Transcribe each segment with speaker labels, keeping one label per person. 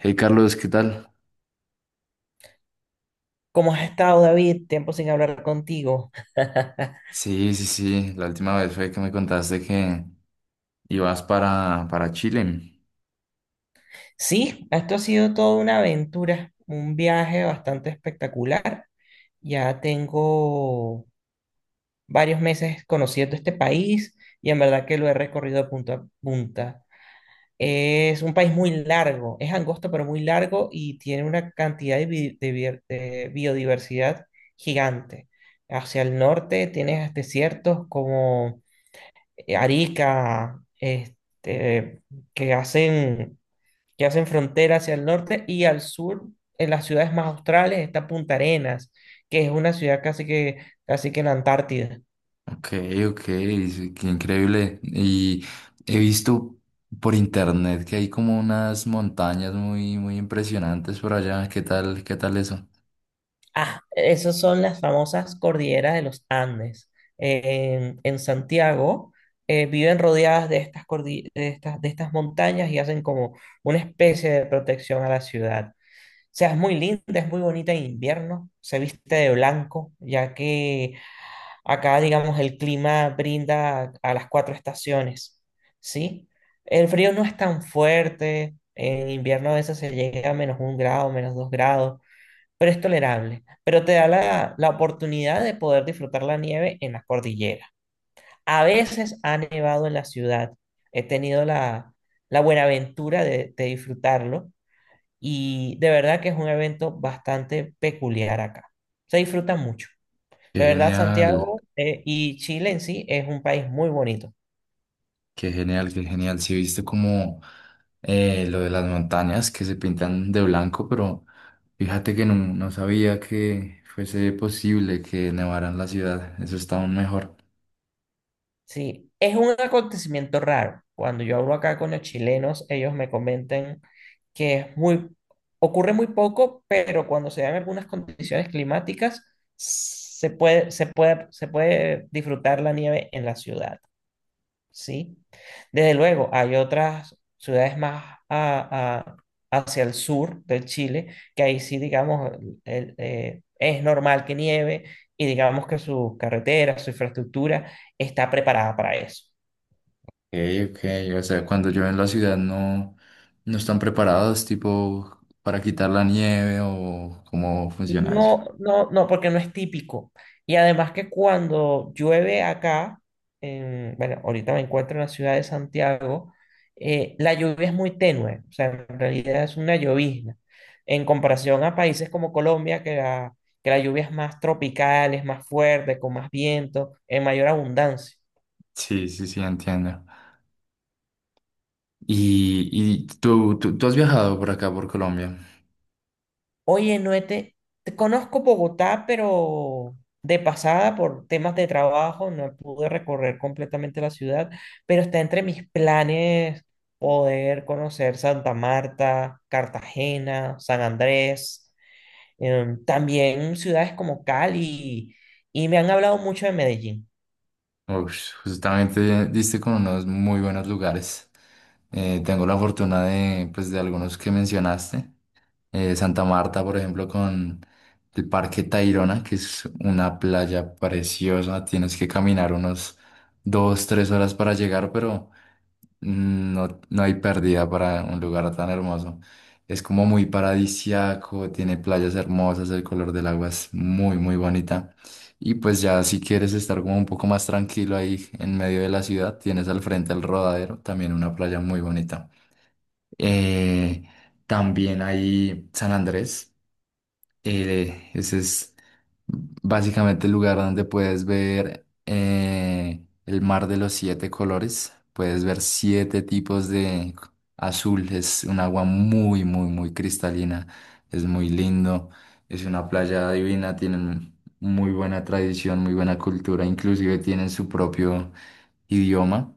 Speaker 1: Hey Carlos, ¿qué tal?
Speaker 2: ¿Cómo has estado, David? Tiempo sin hablar contigo.
Speaker 1: Sí, sí, sí, la última vez fue que me contaste que ibas para Chile.
Speaker 2: Sí, esto ha sido toda una aventura, un viaje bastante espectacular. Ya tengo varios meses conociendo este país y en verdad que lo he recorrido de punta a punta. Es un país muy largo, es angosto pero muy largo y tiene una cantidad de, bi- de bier- de biodiversidad gigante. Hacia el norte tienes desiertos como Arica, que hacen, que hacen frontera hacia el norte y al sur, en las ciudades más australes, está Punta Arenas, que es una ciudad casi que en la Antártida.
Speaker 1: Ok, ok, sí, qué increíble. Y he visto por internet que hay como unas montañas muy, muy impresionantes por allá. Qué tal eso?
Speaker 2: Ah, esas son las famosas cordilleras de los Andes. En Santiago viven rodeadas de estas, cordi- de estas montañas y hacen como una especie de protección a la ciudad. O sea, es muy linda, es muy bonita en invierno, se viste de blanco, ya que acá, digamos, el clima brinda a las cuatro estaciones, ¿sí? El frío no es tan fuerte, en invierno a veces se llega a -1 grado, -2 grados, pero es tolerable. Pero te da la oportunidad de poder disfrutar la nieve en las cordilleras. A veces ha nevado en la ciudad, he tenido la buena aventura de disfrutarlo y de verdad que es un evento bastante peculiar acá. Se disfruta mucho. De
Speaker 1: Qué
Speaker 2: verdad,
Speaker 1: genial.
Speaker 2: Santiago y Chile en sí es un país muy bonito.
Speaker 1: Qué genial, qué genial. Sí, viste como lo de las montañas que se pintan de blanco, pero fíjate que no sabía que fuese posible que nevaran la ciudad. Eso está aún mejor.
Speaker 2: Sí, es un acontecimiento raro. Cuando yo hablo acá con los chilenos, ellos me comentan que es muy, ocurre muy poco, pero cuando se dan algunas condiciones climáticas, se puede disfrutar la nieve en la ciudad. Sí, desde luego, hay otras ciudades más hacia el sur del Chile que ahí sí, digamos, es normal que nieve y digamos que sus carreteras, su infraestructura está preparada para eso.
Speaker 1: Ok, ok. O sea, cuando llueve en la ciudad no están preparados, tipo, para quitar la nieve o cómo funciona eso.
Speaker 2: No, no, no, porque no es típico. Y además que cuando llueve acá, bueno, ahorita me encuentro en la ciudad de Santiago, la lluvia es muy tenue, o sea, en realidad es una llovizna. En comparación a países como Colombia, que la lluvia es más tropical, es más fuerte, con más viento, en mayor abundancia.
Speaker 1: Sí, sí, sí, entiendo. ¿Y, y tú has viajado por acá, por Colombia?
Speaker 2: Oye, Noete, te conozco Bogotá, pero de pasada por temas de trabajo no pude recorrer completamente la ciudad, pero está entre mis planes poder conocer Santa Marta, Cartagena, San Andrés, también ciudades como Cali, y me han hablado mucho de Medellín.
Speaker 1: Uf, justamente diste con unos muy buenos lugares. Tengo la fortuna de, pues, de algunos que mencionaste. Santa Marta, por ejemplo, con el Parque Tayrona, que es una playa preciosa. Tienes que caminar unos dos, tres horas para llegar, pero no hay pérdida para un lugar tan hermoso. Es como muy paradisiaco, tiene playas hermosas, el color del agua es muy, muy bonita. Y pues ya si quieres estar como un poco más tranquilo ahí en medio de la ciudad, tienes al frente el Rodadero, también una playa muy bonita. Eh, También hay San Andrés. Ese es básicamente el lugar donde puedes ver el mar de los siete colores. Puedes ver siete tipos de azul. Es un agua muy, muy, muy cristalina. Es muy lindo. Es una playa divina. Tienen muy buena tradición, muy buena cultura. Inclusive tienen su propio idioma.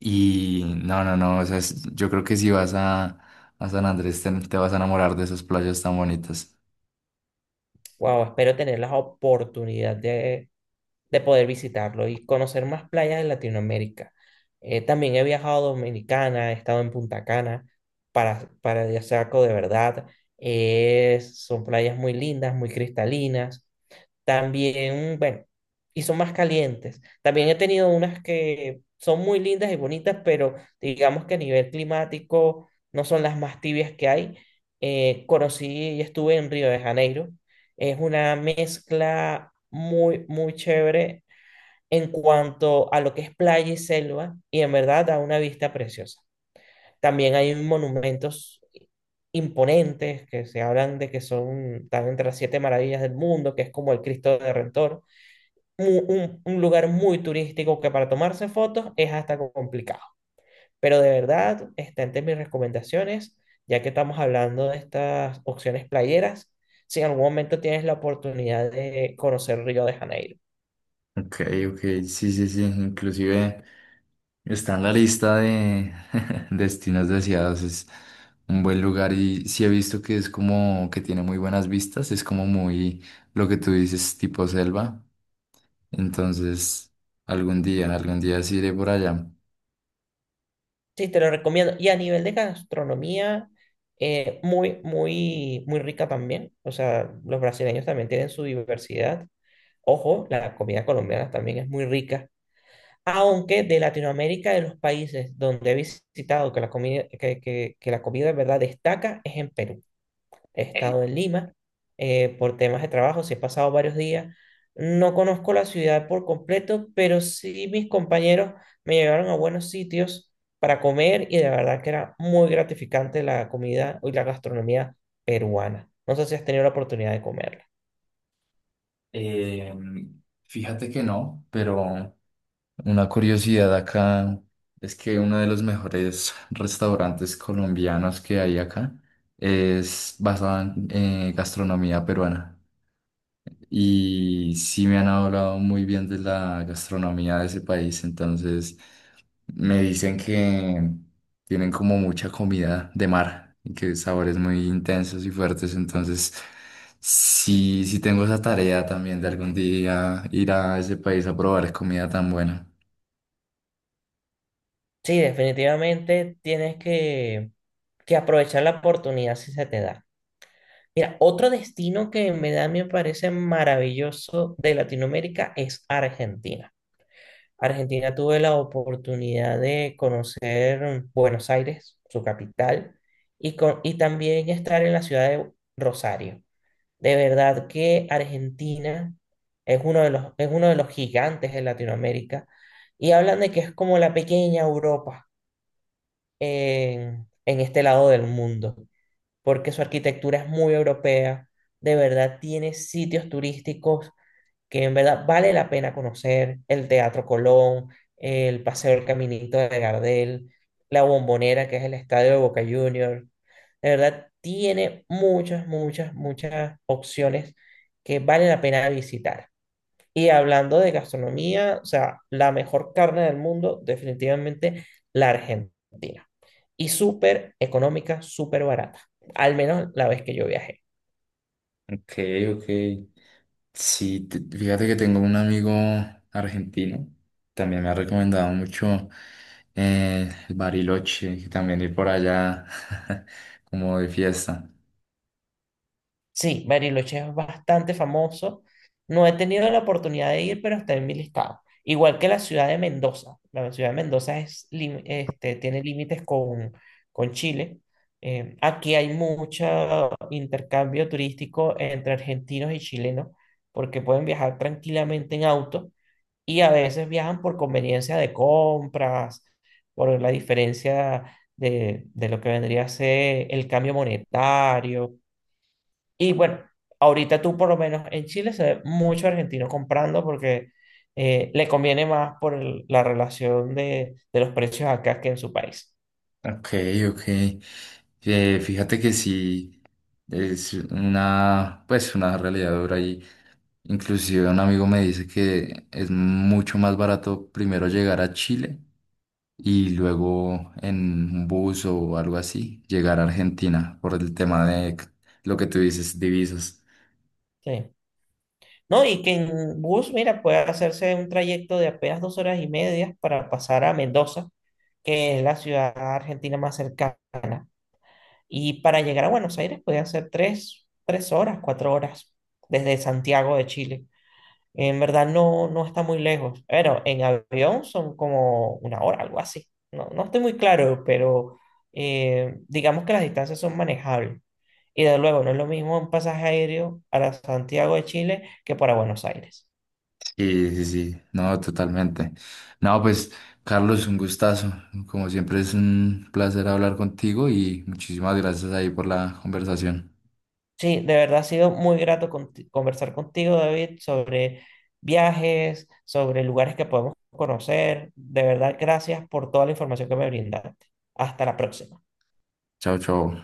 Speaker 1: Y no, no, no, o sea, es- yo creo que si vas a San Andrés te, te vas a enamorar de esas playas tan bonitas.
Speaker 2: Wow, espero tener la oportunidad de poder visitarlo y conocer más playas de Latinoamérica. También he viajado a Dominicana, he estado en Punta Cana, paradisíaco de verdad. Son playas muy lindas, muy cristalinas. También, bueno, y son más calientes. También he tenido unas que son muy lindas y bonitas, pero digamos que a nivel climático no son las más tibias que hay. Conocí y estuve en Río de Janeiro. Es una mezcla muy, muy chévere en cuanto a lo que es playa y selva, y en verdad da una vista preciosa. También hay monumentos imponentes que se hablan de que son, están entre las siete maravillas del mundo, que es como el Cristo Redentor. Un lugar muy turístico que para tomarse fotos es hasta complicado. Pero de verdad, está entre mis recomendaciones, ya que estamos hablando de estas opciones playeras, si en algún momento tienes la oportunidad de conocer Río de Janeiro.
Speaker 1: Ok, ok, sí, sí, sí, inclusive está en la lista de destinos deseados, es un buen lugar y sí he visto que es como que tiene muy buenas vistas, es como muy lo que tú dices, tipo selva, entonces algún día sí iré por allá.
Speaker 2: Sí, te lo recomiendo. Y a nivel de gastronomía, muy, muy, muy rica también. O sea, los brasileños también tienen su diversidad. Ojo, la comida colombiana también es muy rica. Aunque de Latinoamérica, de los países donde he visitado que la comida, que la comida de verdad destaca, es en Perú. He estado en Lima por temas de trabajo, sí he pasado varios días. No conozco la ciudad por completo, pero sí mis compañeros me llevaron a buenos sitios para comer y de verdad que era muy gratificante la comida y la gastronomía peruana. No sé si has tenido la oportunidad de comerla.
Speaker 1: Eh, Fíjate que no, pero... Una curiosidad acá es que uno de los mejores restaurantes colombianos que hay acá es basado en gastronomía peruana. Y sí me han hablado muy bien de la gastronomía de ese país, entonces me dicen que tienen como mucha comida de mar y que sabores muy intensos y fuertes, entonces sí, sí tengo esa tarea también de algún día ir a ese país a probar comida tan buena.
Speaker 2: Sí, definitivamente tienes que aprovechar la oportunidad si se te da. Mira, otro destino que en verdad me parece maravilloso de Latinoamérica es Argentina. Argentina tuve la oportunidad de conocer Buenos Aires, su capital, y también estar en la ciudad de Rosario. De verdad que Argentina es uno de los, es uno de los gigantes de Latinoamérica y hablan de que es como la pequeña Europa en este lado del mundo, porque su arquitectura es muy europea, de verdad tiene sitios turísticos que en verdad vale la pena conocer, el Teatro Colón, el Paseo del Caminito de Gardel, la Bombonera, que es el estadio de Boca Juniors. De verdad, tiene muchas, muchas, muchas opciones que vale la pena visitar. Y hablando de gastronomía, o sea, la mejor carne del mundo, definitivamente la Argentina. Y súper económica, súper barata, al menos la vez que yo viajé.
Speaker 1: Ok, ok. Sí, te- fíjate que tengo un amigo argentino. También me ha recomendado mucho el Bariloche, que también ir por allá como de fiesta.
Speaker 2: Sí, Bariloche es bastante famoso. No he tenido la oportunidad de ir, pero está en mi listado. Igual que la ciudad de Mendoza. La ciudad de Mendoza tiene límites con Chile. Aquí hay mucho intercambio turístico entre argentinos y chilenos, porque pueden viajar tranquilamente en auto y a veces viajan por conveniencia de compras, por la diferencia de lo que vendría a ser el cambio monetario y bueno, ahorita tú por lo menos en Chile se ve mucho argentino comprando porque le conviene más por la relación de los precios acá que en su país.
Speaker 1: Ok, ok. Fíjate que sí, es una, pues una realidad dura y inclusive un amigo me dice que es mucho más barato primero llegar a Chile y luego en un bus o algo así llegar a Argentina por el tema de c- lo que tú dices, divisas.
Speaker 2: Sí. No, y que en bus, mira, puede hacerse un trayecto de apenas 2 horas y media para pasar a Mendoza, que es la ciudad argentina más cercana. Y para llegar a Buenos Aires puede hacer 3 horas, 4 horas desde Santiago de Chile. En verdad no, no está muy lejos. Bueno, en avión son como una hora, algo así. No, no estoy muy claro, pero digamos que las distancias son manejables. Y de luego, no es lo mismo un pasaje aéreo para Santiago de Chile que para Buenos Aires.
Speaker 1: Sí, sí, sí, no, totalmente. No, pues Carlos, un gustazo. Como siempre es un placer hablar contigo y muchísimas gracias ahí por la conversación.
Speaker 2: Sí, de verdad ha sido muy grato conversar contigo, David, sobre viajes, sobre lugares que podemos conocer. De verdad, gracias por toda la información que me brindaste. Hasta la próxima.
Speaker 1: Chao, chao.